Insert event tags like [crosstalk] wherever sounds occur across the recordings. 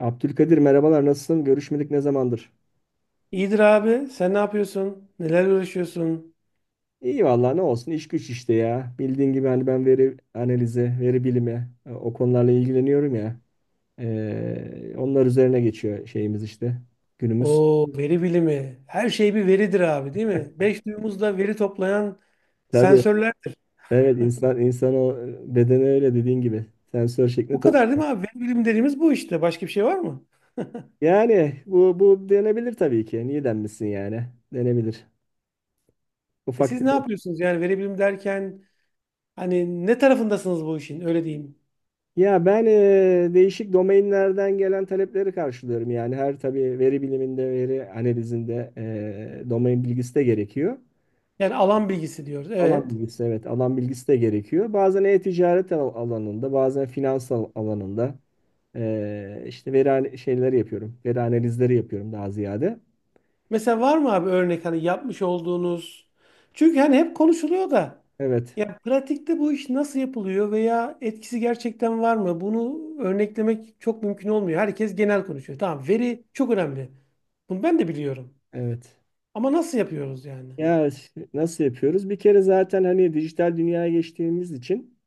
Abdülkadir merhabalar, nasılsın? Görüşmedik ne zamandır? İyidir abi. Sen ne yapıyorsun? Neler uğraşıyorsun? İyi vallahi, ne olsun, iş güç işte ya. Bildiğin gibi hani ben veri analizi, veri bilimi, o konularla ilgileniyorum ya. Onlar üzerine geçiyor şeyimiz işte günümüz. O veri bilimi. Her şey bir veridir abi, değil mi? Beş duyumuzla veri toplayan Tabii, sensörlerdir. evet, insan o bedeni öyle dediğin gibi sensör şeklinde Bu top. kadar değil mi abi? Veri bilimi dediğimiz bu işte. Başka bir şey var mı? Yani bu denebilir tabii ki. Niye denmesin yani? Denebilir. E Ufak siz ne yapıyorsunuz? Yani veri bilimi derken hani ne tarafındasınız bu işin? Öyle diyeyim. Ya ben değişik domainlerden gelen talepleri karşılıyorum. Yani her tabii veri biliminde, veri analizinde domain bilgisi de gerekiyor. Yani alan bilgisi diyoruz. Alan Evet. bilgisi, evet, alan bilgisi de gerekiyor. Bazen e-ticaret alanında, bazen finans alanında, işte veri şeyleri yapıyorum. Veri analizleri yapıyorum daha ziyade. Mesela var mı abi örnek hani yapmış olduğunuz? Çünkü hani hep konuşuluyor da Evet, ya pratikte bu iş nasıl yapılıyor veya etkisi gerçekten var mı? Bunu örneklemek çok mümkün olmuyor. Herkes genel konuşuyor. Tamam, veri çok önemli. Bunu ben de biliyorum. evet. Ama nasıl yapıyoruz yani? Ya nasıl yapıyoruz? Bir kere zaten hani dijital dünyaya geçtiğimiz için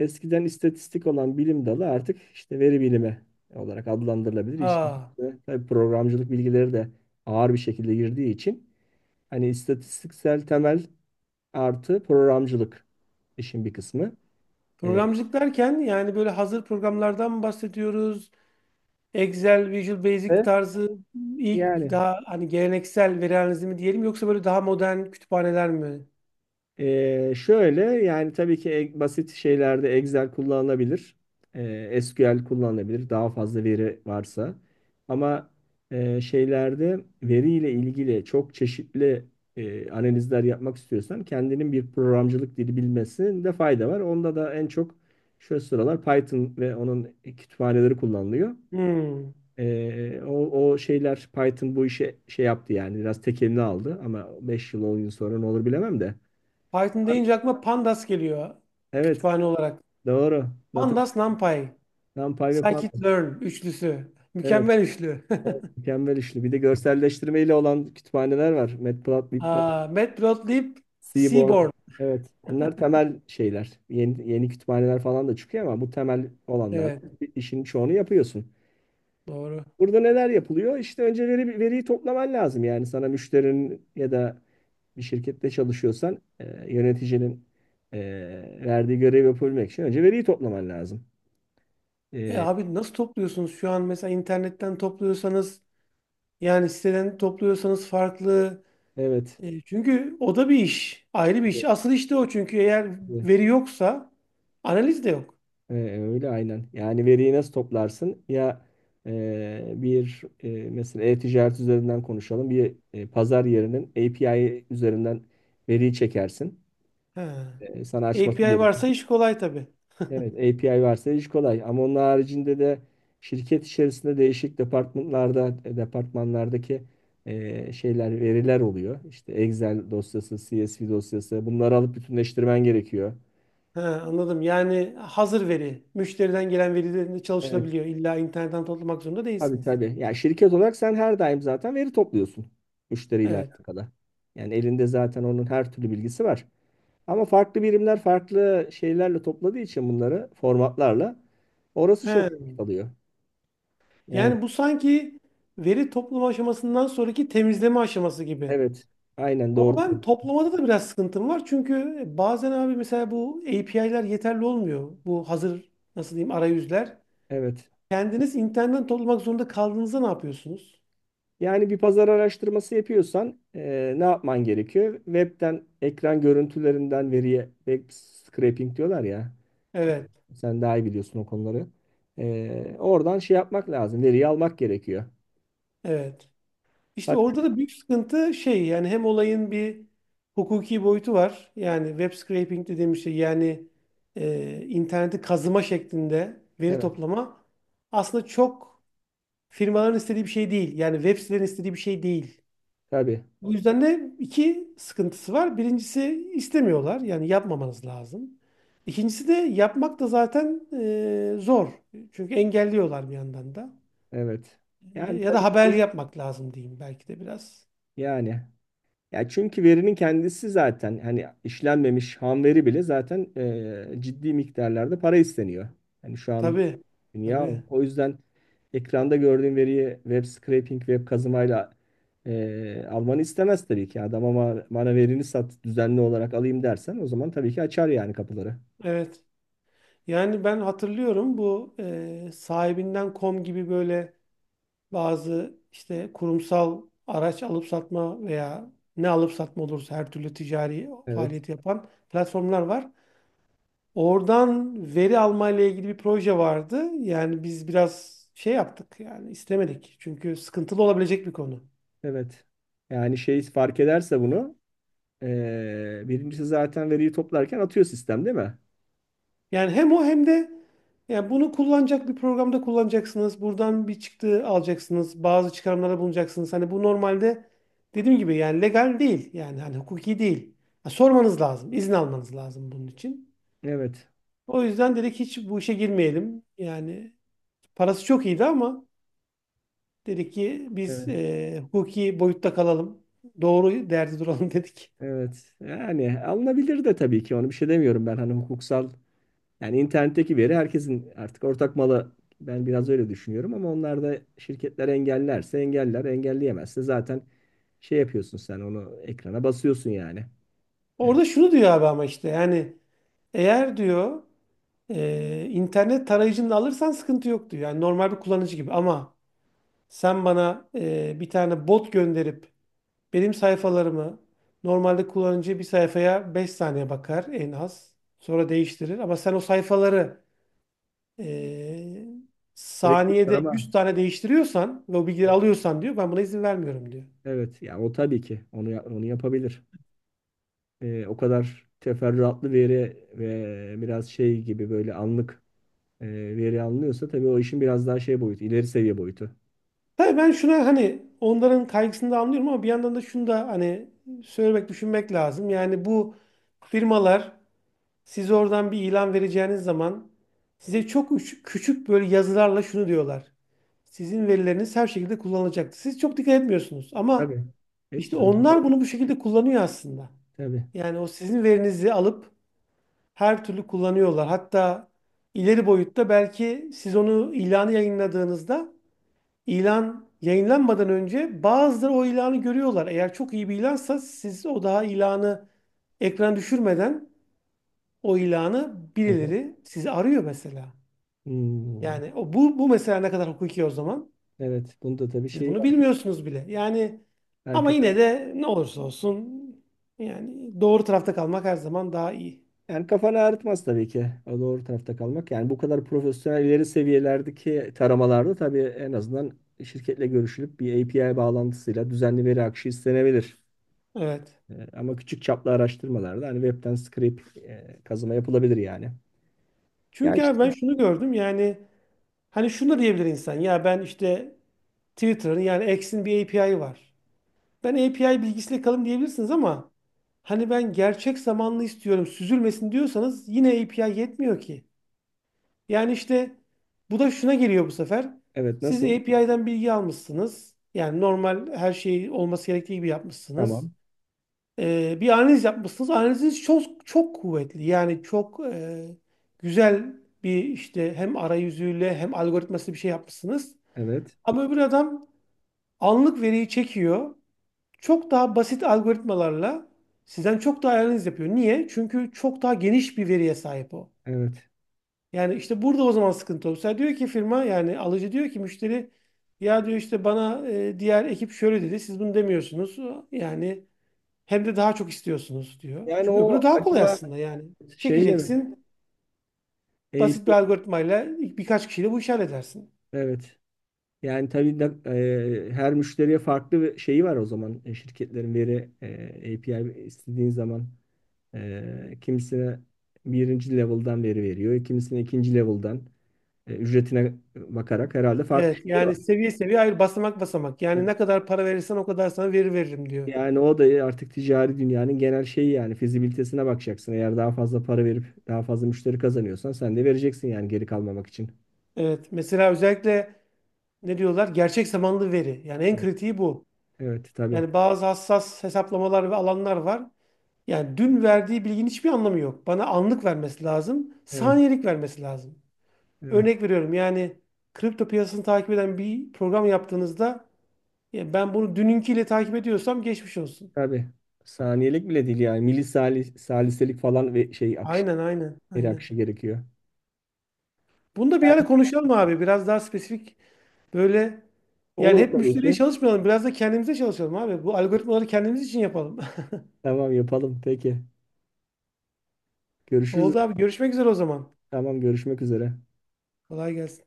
eskiden istatistik olan bilim dalı artık işte veri bilimi olarak adlandırılabilir. İşin Aa, içine tabii programcılık bilgileri de ağır bir şekilde girdiği için hani istatistiksel temel artı programcılık işin bir kısmı. Ee, programcılık derken yani böyle hazır programlardan mı bahsediyoruz? Excel, Visual Basic ve tarzı ilk yani daha hani geleneksel veri analizi mi diyelim yoksa böyle daha modern kütüphaneler mi? Şöyle yani tabii ki basit şeylerde Excel kullanılabilir. SQL kullanılabilir. Daha fazla veri varsa. Ama şeylerde veriyle ilgili çok çeşitli analizler yapmak istiyorsan kendinin bir programcılık dili bilmesinde fayda var. Onda da en çok şu sıralar Python ve onun kütüphaneleri kullanılıyor. Hmm. Ee, o, o şeyler, Python bu işe şey yaptı yani biraz tekelini aldı ama 5 yıl 10 yıl sonra ne olur bilemem de. Python deyince aklıma Pandas geliyor Evet. kütüphane olarak. Doğru. Pandas, NumPy, NumPy ve Python. scikit-learn üçlüsü. Evet, Mükemmel üçlü. [laughs] mükemmel işli. Bir de görselleştirmeyle olan kütüphaneler var. Matplotlib var. Aa, Matplotlib, Seaborn. Seaborn. Evet. Bunlar temel şeyler. Yeni, yeni kütüphaneler falan da çıkıyor ama bu temel olanlar Evet, İşin çoğunu yapıyorsun. doğru. Burada neler yapılıyor? İşte önce veriyi toplaman lazım. Yani sana müşterinin ya da bir şirkette çalışıyorsan yöneticinin e, verdiği görevi yapabilmek için önce veriyi toplaman lazım. E E, abi nasıl topluyorsunuz şu an? Mesela internetten topluyorsanız yani siteden topluyorsanız farklı. evet. Çünkü o da bir iş. Ayrı bir iş. Asıl iş de o çünkü eğer veri yoksa analiz de yok. Ee, öyle aynen. Yani veriyi nasıl toplarsın? Ya bir mesela e-ticaret üzerinden konuşalım. Bir pazar yerinin API üzerinden veriyi çekersin. He. Sana açması API gerekir. varsa iş kolay tabii. Evet, API varsa iş kolay. Ama onun haricinde de şirket içerisinde değişik departmanlardaki şeyler, veriler oluyor. İşte Excel dosyası, CSV dosyası. Bunları alıp bütünleştirmen gerekiyor. He, anladım. Yani hazır veri, müşteriden gelen verilerinde Evet. çalışılabiliyor. İlla internetten toplamak zorunda Tabii, değilsiniz. tabii. Yani şirket olarak sen her daim zaten veri topluyorsun müşteriyle Evet. alakalı. Yani elinde zaten onun her türlü bilgisi var. Ama farklı birimler farklı şeylerle topladığı için bunları formatlarla orası He. çok vakit alıyor. Yani Yani bu sanki veri toplama aşamasından sonraki temizleme aşaması gibi. evet, aynen Ama doğru. ben toplamada da biraz sıkıntım var. Çünkü bazen abi mesela bu API'ler yeterli olmuyor. Bu hazır nasıl diyeyim, arayüzler. Evet. Kendiniz internetten toplamak zorunda kaldığınızda ne yapıyorsunuz? Yani bir pazar araştırması yapıyorsan ne yapman gerekiyor? Web'den ekran görüntülerinden veriye web scraping diyorlar ya. Evet. Sen daha iyi biliyorsun o konuları. Oradan şey yapmak lazım. Veriyi almak gerekiyor. Evet. İşte Hakkı, orada da büyük sıkıntı şey, yani hem olayın bir hukuki boyutu var. Yani web scraping dediğimiz şey yani interneti kazıma şeklinde veri evet, toplama aslında çok firmaların istediği bir şey değil. Yani web sitelerin istediği bir şey değil. tabii, Bu yüzden de iki sıkıntısı var. Birincisi istemiyorlar, yani yapmamanız lazım. İkincisi de yapmak da zaten zor. Çünkü engelliyorlar bir yandan da. evet. E, Yani ya da tabii, haber yapmak lazım diyeyim belki de biraz. yani. Ya çünkü verinin kendisi zaten hani işlenmemiş ham veri bile zaten ciddi miktarlarda para isteniyor. Hani şu an Tabii, dünya o. tabii. O yüzden ekranda gördüğün veriyi web scraping, web kazımayla almanı istemez tabii ki. Adam ama bana verini sat, düzenli olarak alayım dersen, o zaman tabii ki açar yani kapıları. Evet. Yani ben hatırlıyorum bu sahibinden.com gibi böyle bazı işte kurumsal araç alıp satma veya ne alıp satma olursa, her türlü ticari Evet, faaliyeti yapan platformlar var. Oradan veri alma ile ilgili bir proje vardı. Yani biz biraz şey yaptık, yani istemedik. Çünkü sıkıntılı olabilecek bir konu. evet. Yani şey fark ederse bunu, birincisi zaten veriyi toplarken atıyor sistem, değil mi? Yani hem o hem de yani bunu kullanacak bir programda kullanacaksınız. Buradan bir çıktı alacaksınız. Bazı çıkarımlara bulunacaksınız. Hani bu normalde dediğim gibi yani legal değil. Yani hani hukuki değil. Ha, sormanız lazım. İzin almanız lazım bunun için. Evet. O yüzden dedik hiç bu işe girmeyelim. Yani parası çok iyiydi ama dedik ki biz Evet. Hukuki boyutta kalalım. Doğru derdi duralım [laughs] dedik. Evet. Yani alınabilir de tabii ki, onu bir şey demiyorum ben, hani hukuksal yani internetteki veri herkesin artık ortak malı, ben biraz öyle düşünüyorum. Ama onlar da, şirketler, engellerse engeller, engelleyemezse zaten şey yapıyorsun, sen onu ekrana basıyorsun yani. E, Orada şunu diyor abi ama işte yani eğer diyor, internet tarayıcını alırsan sıkıntı yoktu. Yani normal bir kullanıcı gibi, ama sen bana bir tane bot gönderip benim sayfalarımı, normalde kullanıcı bir sayfaya 5 saniye bakar en az. Sonra değiştirir. Ama sen o sayfaları e, Elektrik var saniyede ama 100 tane değiştiriyorsan ve o bilgileri alıyorsan diyor, ben buna izin vermiyorum diyor. evet, yani o tabii ki onu onu yapabilir. O kadar teferruatlı veri ve biraz şey gibi böyle anlık e, veri alınıyorsa tabii o işin biraz daha şey boyutu, ileri seviye boyutu. Tabii ben şuna, hani onların kaygısını da anlıyorum ama bir yandan da şunu da hani söylemek, düşünmek lazım. Yani bu firmalar, siz oradan bir ilan vereceğiniz zaman size çok küçük böyle yazılarla şunu diyorlar: sizin verileriniz her şekilde kullanılacaktır. Siz çok dikkat etmiyorsunuz ama Tabii. işte Etmiyorum. Doğru. onlar bunu bu şekilde kullanıyor aslında. Tabii. Yani o sizin verinizi alıp her türlü kullanıyorlar. Hatta ileri boyutta belki siz onu ilanı yayınladığınızda, ilan yayınlanmadan önce bazıları o ilanı görüyorlar. Eğer çok iyi bir ilansa siz o daha ilanı ekran düşürmeden o ilanı Evet. birileri, sizi arıyor mesela. Hmm. Yani o, bu bu mesela ne kadar hukuki o zaman? Evet. Bunda tabii Siz şey bunu var. bilmiyorsunuz bile. Yani ama Herkes yine de ne olursa olsun, yani doğru tarafta kalmak her zaman daha iyi. Yani kafanı ağrıtmaz tabii ki o doğru tarafta kalmak. Yani bu kadar profesyonel ileri seviyelerdeki taramalarda tabii en azından şirketle görüşülüp bir API bağlantısıyla düzenli veri akışı istenebilir. Evet. Ama küçük çaplı araştırmalarda hani webten scrape kazıma yapılabilir yani. Ya Çünkü işte, abi ben şunu gördüm yani, hani şunu da diyebilir insan, ya ben işte Twitter'ın yani X'in bir API'ı var. Ben API bilgisiyle kalın diyebilirsiniz ama hani ben gerçek zamanlı istiyorum, süzülmesin diyorsanız yine API yetmiyor ki. Yani işte bu da şuna geliyor bu sefer: evet, siz nasıl? API'den bilgi almışsınız. Yani normal her şey olması gerektiği gibi yapmışsınız. Tamam. Bir analiz yapmışsınız. Analiziniz çok çok kuvvetli. Yani çok güzel bir işte, hem arayüzüyle hem algoritmasıyla bir şey yapmışsınız. Evet. Ama öbür adam anlık veriyi çekiyor. Çok daha basit algoritmalarla sizden çok daha analiz yapıyor. Niye? Çünkü çok daha geniş bir veriye sahip o. Evet. Yani işte burada o zaman sıkıntı olur. Mesela diyor ki firma, yani alıcı diyor ki müşteri, ya diyor işte bana diğer ekip şöyle dedi, siz bunu demiyorsunuz. Yani hem de daha çok istiyorsunuz diyor. Yani Çünkü öbürü o daha kolay acaba aslında yani. şeyle mi? Çekeceksin, basit bir API, algoritmayla birkaç kişiyle bu işi halledersin. evet. Yani tabii de, her müşteriye farklı bir şeyi var o zaman, şirketlerin veri API istediğin zaman, kimisine birinci level'dan veri veriyor. Kimisine ikinci level'dan, ücretine bakarak herhalde farklı Evet, şeyler yani var. seviye seviye, hayır basamak basamak. Yani ne kadar para verirsen o kadar sana veri veririm diyor. Yani o da artık ticari dünyanın genel şeyi, yani fizibilitesine bakacaksın. Eğer daha fazla para verip daha fazla müşteri kazanıyorsan sen de vereceksin yani, geri kalmamak için. Evet, mesela özellikle ne diyorlar, gerçek zamanlı veri. Yani en Evet. kritiği bu. Evet, tabii. Yani bazı hassas hesaplamalar ve alanlar var. Yani dün verdiği bilginin hiçbir anlamı yok. Bana anlık vermesi lazım, Evet, saniyelik vermesi lazım. evet. Örnek veriyorum, yani kripto piyasasını takip eden bir program yaptığınızda, ya ben bunu dününkiyle takip ediyorsam geçmiş olsun. Tabii. Saniyelik bile değil yani. Milisali, saliselik falan ve şey akışı, Aynen, aynen, geri aynen. akışı gerekiyor. Bunu da bir ara konuşalım abi. Biraz daha spesifik böyle, yani Olur hep tabii müşteriye ki. çalışmayalım. Biraz da kendimize çalışalım abi. Bu algoritmaları kendimiz için yapalım. Tamam, yapalım. Peki. [laughs] Görüşürüz. Oldu abi. Görüşmek üzere o zaman. Tamam, görüşmek üzere. Kolay gelsin.